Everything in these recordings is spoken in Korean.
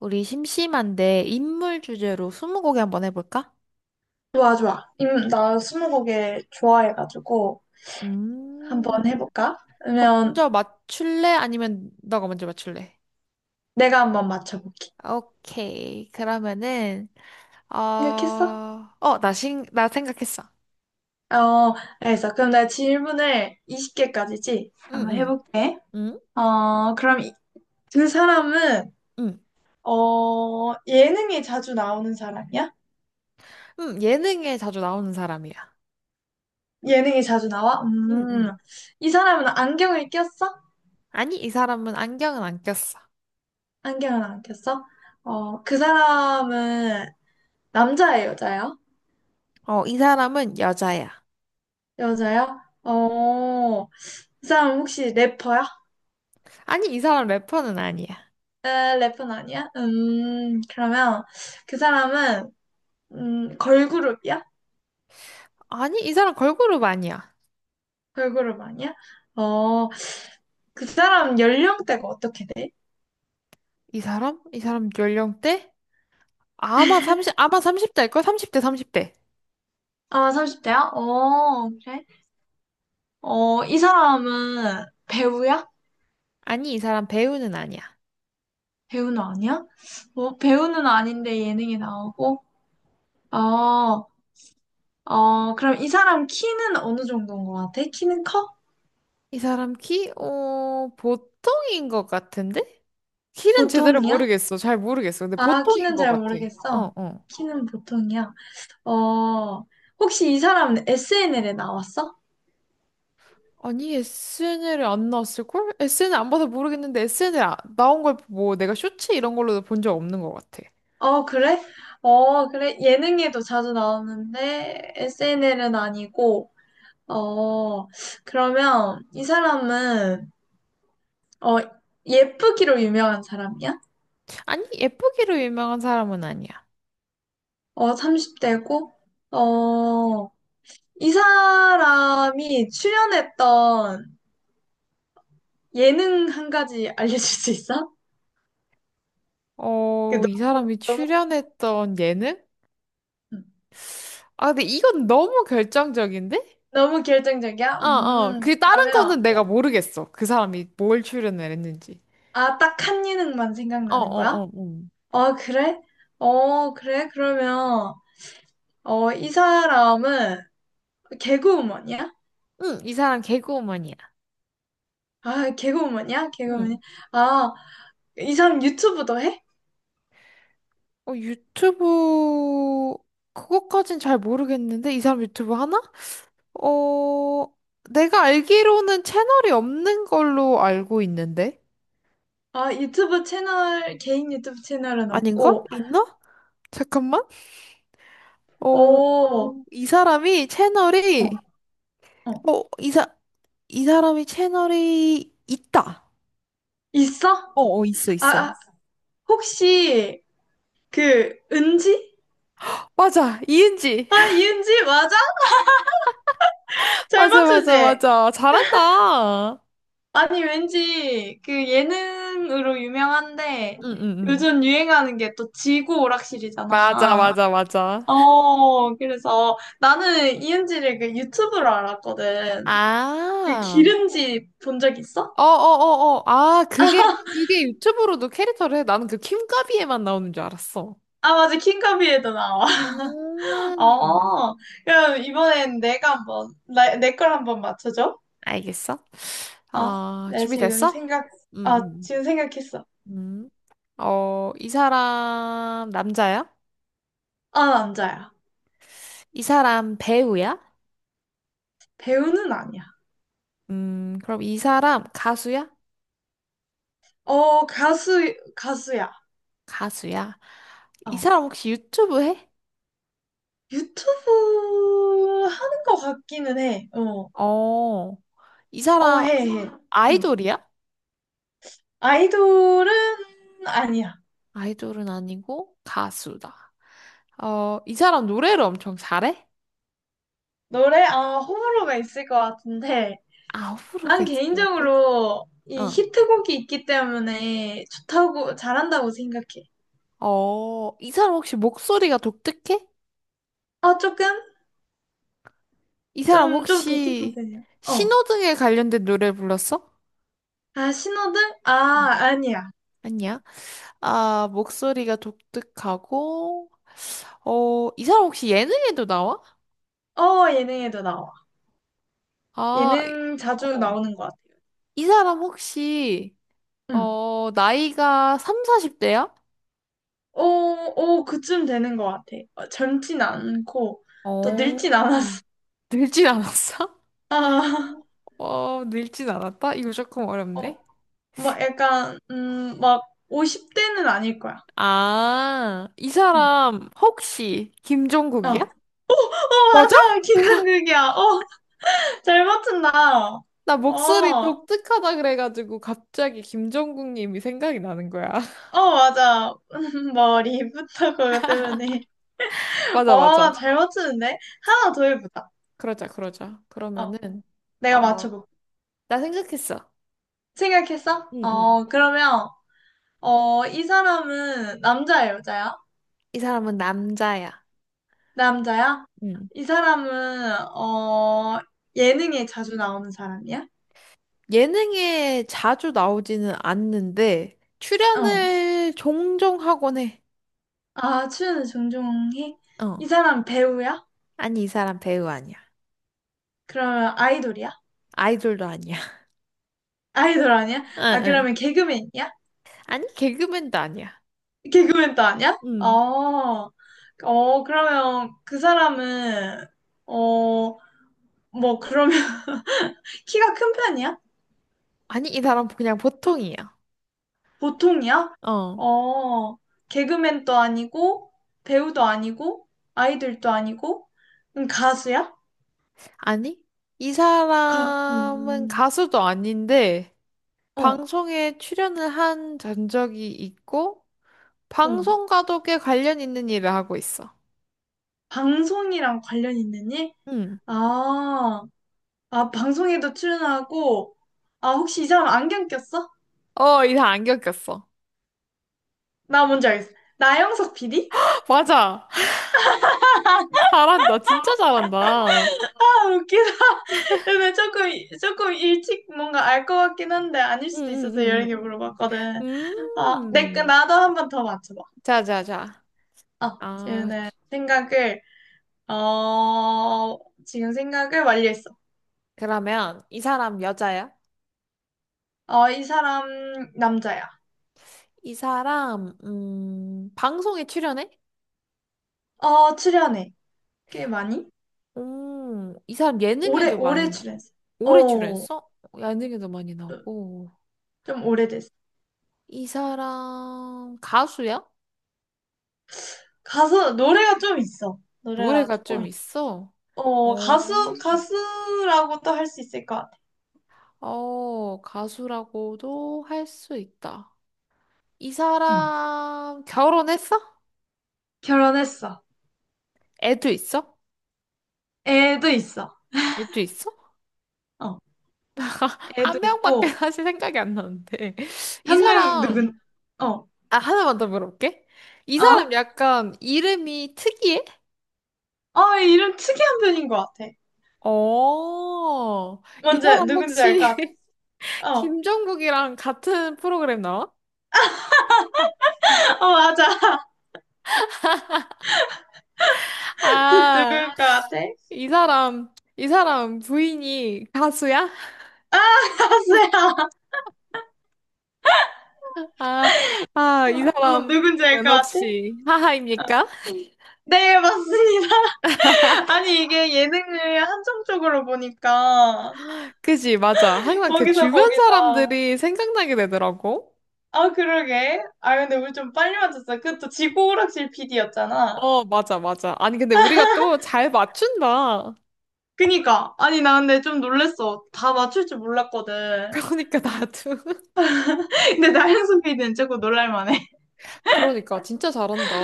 우리 심심한데 인물 주제로 스무고개 한번 해볼까? 좋아, 좋아. 나 스무고개 좋아해가지고 음. 한번 해볼까? 그럼 그러면 먼저 맞출래? 아니면 너가 먼저 맞출래? 내가 한번 맞춰볼게. 오케이. 그러면은 어, 생각했어? 어, 나 생각했어. 어, 알겠어. 그럼 내가 질문을 20개까지지? 응, 한번 응, 해볼게. 응, 어, 그럼 그 사람은 응, 어, 예능에 자주 나오는 사람이야? 응. 예능에 자주 나오는 사람이야. 예능에 자주 나와? 응, 응. 이 사람은 안경을 꼈어? 아니, 이 사람은 안경은 안 꼈어. 안경을 안 꼈어? 어, 그 사람은 남자예요, 여자예요? 어, 이 사람은 여자야. 여자요. 어, 그 사람 혹시 래퍼야? 아니, 이 사람 래퍼는 아니야. 에, 래퍼는 아니야? 그러면 그 사람은, 걸그룹이야? 아니, 이 사람 걸그룹 아니야. 걸그룹 아니야? 어, 그 사람 연령대가 어떻게 돼? 이 사람? 이 사람 연령대? 아마 30, 아마 삼십 대일걸? 삼십 대일걸 30대, 30대. 아, 30대야? 어, 그래? 어, 이 사람은 배우야? 아니, 이 사람 배우는 아니야. 배우는 아니야? 어, 배우는 아닌데 예능에 나오고? 어, 어, 그럼 이 사람 키는 어느 정도인 것 같아? 키는 커? 이 사람 키, 어, 보통인 것 같은데? 키는 제대로 보통이야? 모르겠어. 잘 모르겠어. 근데 아, 보통인 키는 것 잘 같아. 모르겠어. 어, 어. 키는 보통이야. 어, 혹시 이 사람 SNL에 나왔어? 아니, SNL에 안 나왔을걸? SNL 안 봐서 모르겠는데, SNL 나온 걸 뭐, 내가 쇼츠 이런 걸로도 본 적 없는 것 같아. 어, 그래? 어, 그래. 예능에도 자주 나오는데 SNL은 아니고, 어, 그러면 이 사람은, 어, 예쁘기로 유명한 사람이야? 아니, 예쁘기로 유명한 사람은 아니야. 어, 30대고, 어, 이 사람이 출연했던 예능 한 가지 알려줄 수 있어? 그 어, 너- 이 사람이 무 출연했던 예능? 아, 근데 이건 너무 결정적인데? 너무 결정적이야? 어, 어. 그 다른 그러면 거는 내가 모르겠어. 그 사람이 뭘 출연을 했는지. 아, 딱 한 예능만 어, 생각나는 거야? 어, 어, 응. 어, 그래? 어, 그래? 그러면, 어, 이 사람은 개그우먼이야? 응, 이 사람 개그우먼이야. 아, 개그우먼이야? 개그우먼이야? 응. 아, 이 사람 유튜브도 해? 어, 유튜브, 그것까진 잘 모르겠는데? 이 사람 유튜브 하나? 어, 내가 알기로는 채널이 없는 걸로 알고 있는데? 아, 유튜브 채널, 개인 유튜브 채널은 아닌가? 없고, 있나? 잠깐만. 어, 어, 어, 이 사람이 채널이, 어, 어, 이 사람이 채널이 있다. 있어? 어, 어, 있어, 아, 있어. 아, 혹시, 그, 은지? 맞아, 이은지. 아, 이은지? 맞아? 잘 맞아, 맞아, 맞추지? 맞아. 잘한다. 응, 아니, 왠지 그 예능으로 유명한데 응, 응. 요즘 유행하는 게 또 지구 맞아, 오락실이잖아. 맞아, 맞아. 어, 그래서 나는 이은지를 그 유튜브로 알았거든. 그 아, 기름지 본 적 있어? 어, 어, 어, 어. 아, 그게, 그게 유튜브로도 캐릭터를 해. 나는 그 킴카비에만 나오는 줄 알았어. 아, 맞아. 킹카비에도 나와. 음. 어, 그럼 이번엔 내가 한번, 나, 내걸 한번 맞춰줘. 알겠어? 아, 아, 내 지금 준비됐어? 생각, 아, 응, 지금 생각했어. 응. 음. 어, 이 사람 남자야? 아, 남자야. 이 사람 배우야? 배우는 아니야. 그럼 이 사람 가수야? 어, 가수야. 가수야. 이 어. 사람 혹시 유튜브 해? 유튜브 하는 것 같기는 해. 어, 어, 이 어, 사람 해, 해. 응. 아이돌이야? 아이돌은 아니야. 아이돌은 아니고 가수다. 어, 이 사람 노래를 엄청 잘해? 노래? 아, 호불호가 있을 것 같은데. 아, 호불호가 난 있을 것 같아. 개인적으로 이 어, 히트곡이 있기 때문에 좋다고, 잘한다고 생각해. 어, 이 사람 혹시 목소리가 독특해? 어, 조금? 이 사람 좀 독특한 혹시 편이야. 어. 신호등에 관련된 노래를 불렀어? 아, 신호등? 아, 음, 아니야. 아니야. 아, 목소리가 독특하고, 어, 이 사람 혹시 예능에도 나와? 어, 예능에도 나와. 아, 이- 예능 자주 어, 나오는 것 같아요. 이 사람 혹시 응. 어, 나이가 3, 40대야? 어, 어, 그쯤 되는 것 같아. 어, 젊진 않고, 또 늙진 어, 않았어. 늙진 않았어? 아, 어, 늙진 않았다? 이거 조금 어, 어렵네. 막 약간, 막 50대는 아닐 거야. 아, 이 응. 사람 혹시 어, 김종국이야? 어, 맞아? 맞아. 긴장극이야. 어, 잘 맞춘다. 어, 나 목소리 어, 독특하다 그래가지고 갑자기 김종국님이 생각이 나는 거야. 맞아. 머리부터 그거 때문에. 맞아, 어, 맞아. 잘 맞추는데? 하나 더 해보자. 그러자, 그러자. 어, 그러면은, 내가 어, 맞춰볼게. 나 생각했어. 생각했어? 응, 응, 어, 그러면, 어, 이 사람은 남자야, 여자야? 이 사람은 남자야. 남자야? 응. 이 사람은, 어, 예능에 자주 나오는 사람이야? 예능에 자주 나오지는 않는데 어. 출연을 종종 하곤 해. 아, 출연을 종종 해? 어. 이 사람 배우야? 아니, 이 사람 배우 아니야. 그러면 아이돌이야? 아이돌도 아니야. 아이돌 아니야? 응, 아, 응. 그러면 개그맨이야? 아니, 개그맨도 아니야. 개그맨도 아니야? 응. 어, 어, 그러면 그 사람은, 어, 뭐, 그러면 키가 큰 편이야? 아니, 이 사람 그냥 보통이야. 보통이야? 어. 어, 개그맨도 아니고, 배우도 아니고, 아이돌도 아니고, 가수야? 아니, 이 가, 사람은 음, 가수도 아닌데 어, 방송에 출연을 한 전적이 있고 어. 방송과도 꽤 관련 있는 일을 하고 있어. 방송이랑 관련 있는 일? 응. 아, 아, 방송에도 출연하고, 아, 혹시 이 사람 안경 꼈어? 어, 이 사람 안 겪었어. 나 뭔지 알겠어. 나영석 PD? 맞아. 잘한다. 진짜 잘한다. 아, 웃기다. 근데 조금 일찍 뭔가 알 것 같긴 한데, 아닐 수도 있어서 여러 개 응응응응. 물어봤거든. 아, 내, 거 음. 나도 한 번 더 맞춰봐. 자, 자, 자. 아, 아, 어, 지금 생각을 완료했어. 그러면 이 사람 여자야? 어, 이 사람 남자야. 이 사람 방송에 출연해? 어, 출연해. 꽤 많이? 이 사람 예능에도 많이 오래 나. 출연했어. 오래 어, 출연했어? 예능에도 많이 나고 좀 오래됐어. 이 사람 가수야? 가수, 노래가 좀 있어. 노래가 노래가 조금 좀 있어. 있어. 어, 어. 가수라고 또 할 수 있을 것 같아. 어, 가수라고도 할 수 있다. 이 응. 사람 결혼했어? 결혼했어. 애도 있어? 애도 있어. 애도 있어? 어, 애도 한 명밖에 있고, 사실 생각이 안 나는데. 이 한 명 사람, 누군, 어, 아, 하나만 더 물어볼게. 이 어? 사람 약간 이름이 특이해? 어, 이름 특이한 편인 것 같아. 어, 이 먼저 사람 혹시 누군지 알 것 같아. 어, 김종국이랑 같은 프로그램 나와? 어, 맞아. 누굴 아, 것 같아? 이 사람, 이 사람 부인이 가수야? 아, 가수야. 아, 아, 이 어, 사람은 누군지 알 것 같아? 혹시 하하입니까? 네, 맞습니다. 아니, 이게 예능을 한정적으로 보니까, 그지, 맞아. 항상 그 거기서 주변 거기다. 사람들이 생각나게 되더라고. 아, 그러게. 아, 근데 우리 좀 빨리 맞췄어. 그 또 지구오락실 PD였잖아. 어, 맞아, 맞아. 아니, 근데 우리가 또 잘 맞춘다. 그니까. 아니, 나 근데 좀 놀랬어. 다 맞출 줄 몰랐거든. 그러니까 나도. 근데 나영석 PD는 조금 놀랄만해. 그러니까 진짜 잘한다.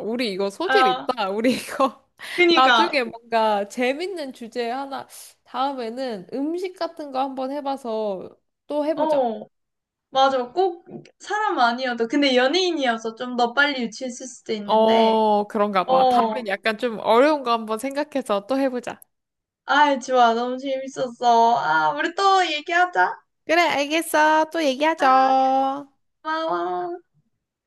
우리 이거 소질 아, 있다. 우리 이거 그니까. 나중에 뭔가 재밌는 주제 하나 다음에는 음식 같은 거 한번 해봐서 또 해보자. 어, 맞아. 꼭 사람 아니어도. 근데 연예인이어서 좀 더 빨리 유치했을 수도 있는데. 어, 그런가 봐. 어. 다음엔 약간 좀 어려운 거 한번 생각해서 또 해보자. 아, 좋아. 너무 재밌었어. 아, 우리 또 얘기하자. 그래, 알겠어. 또 아, 얘기하죠. 고마워.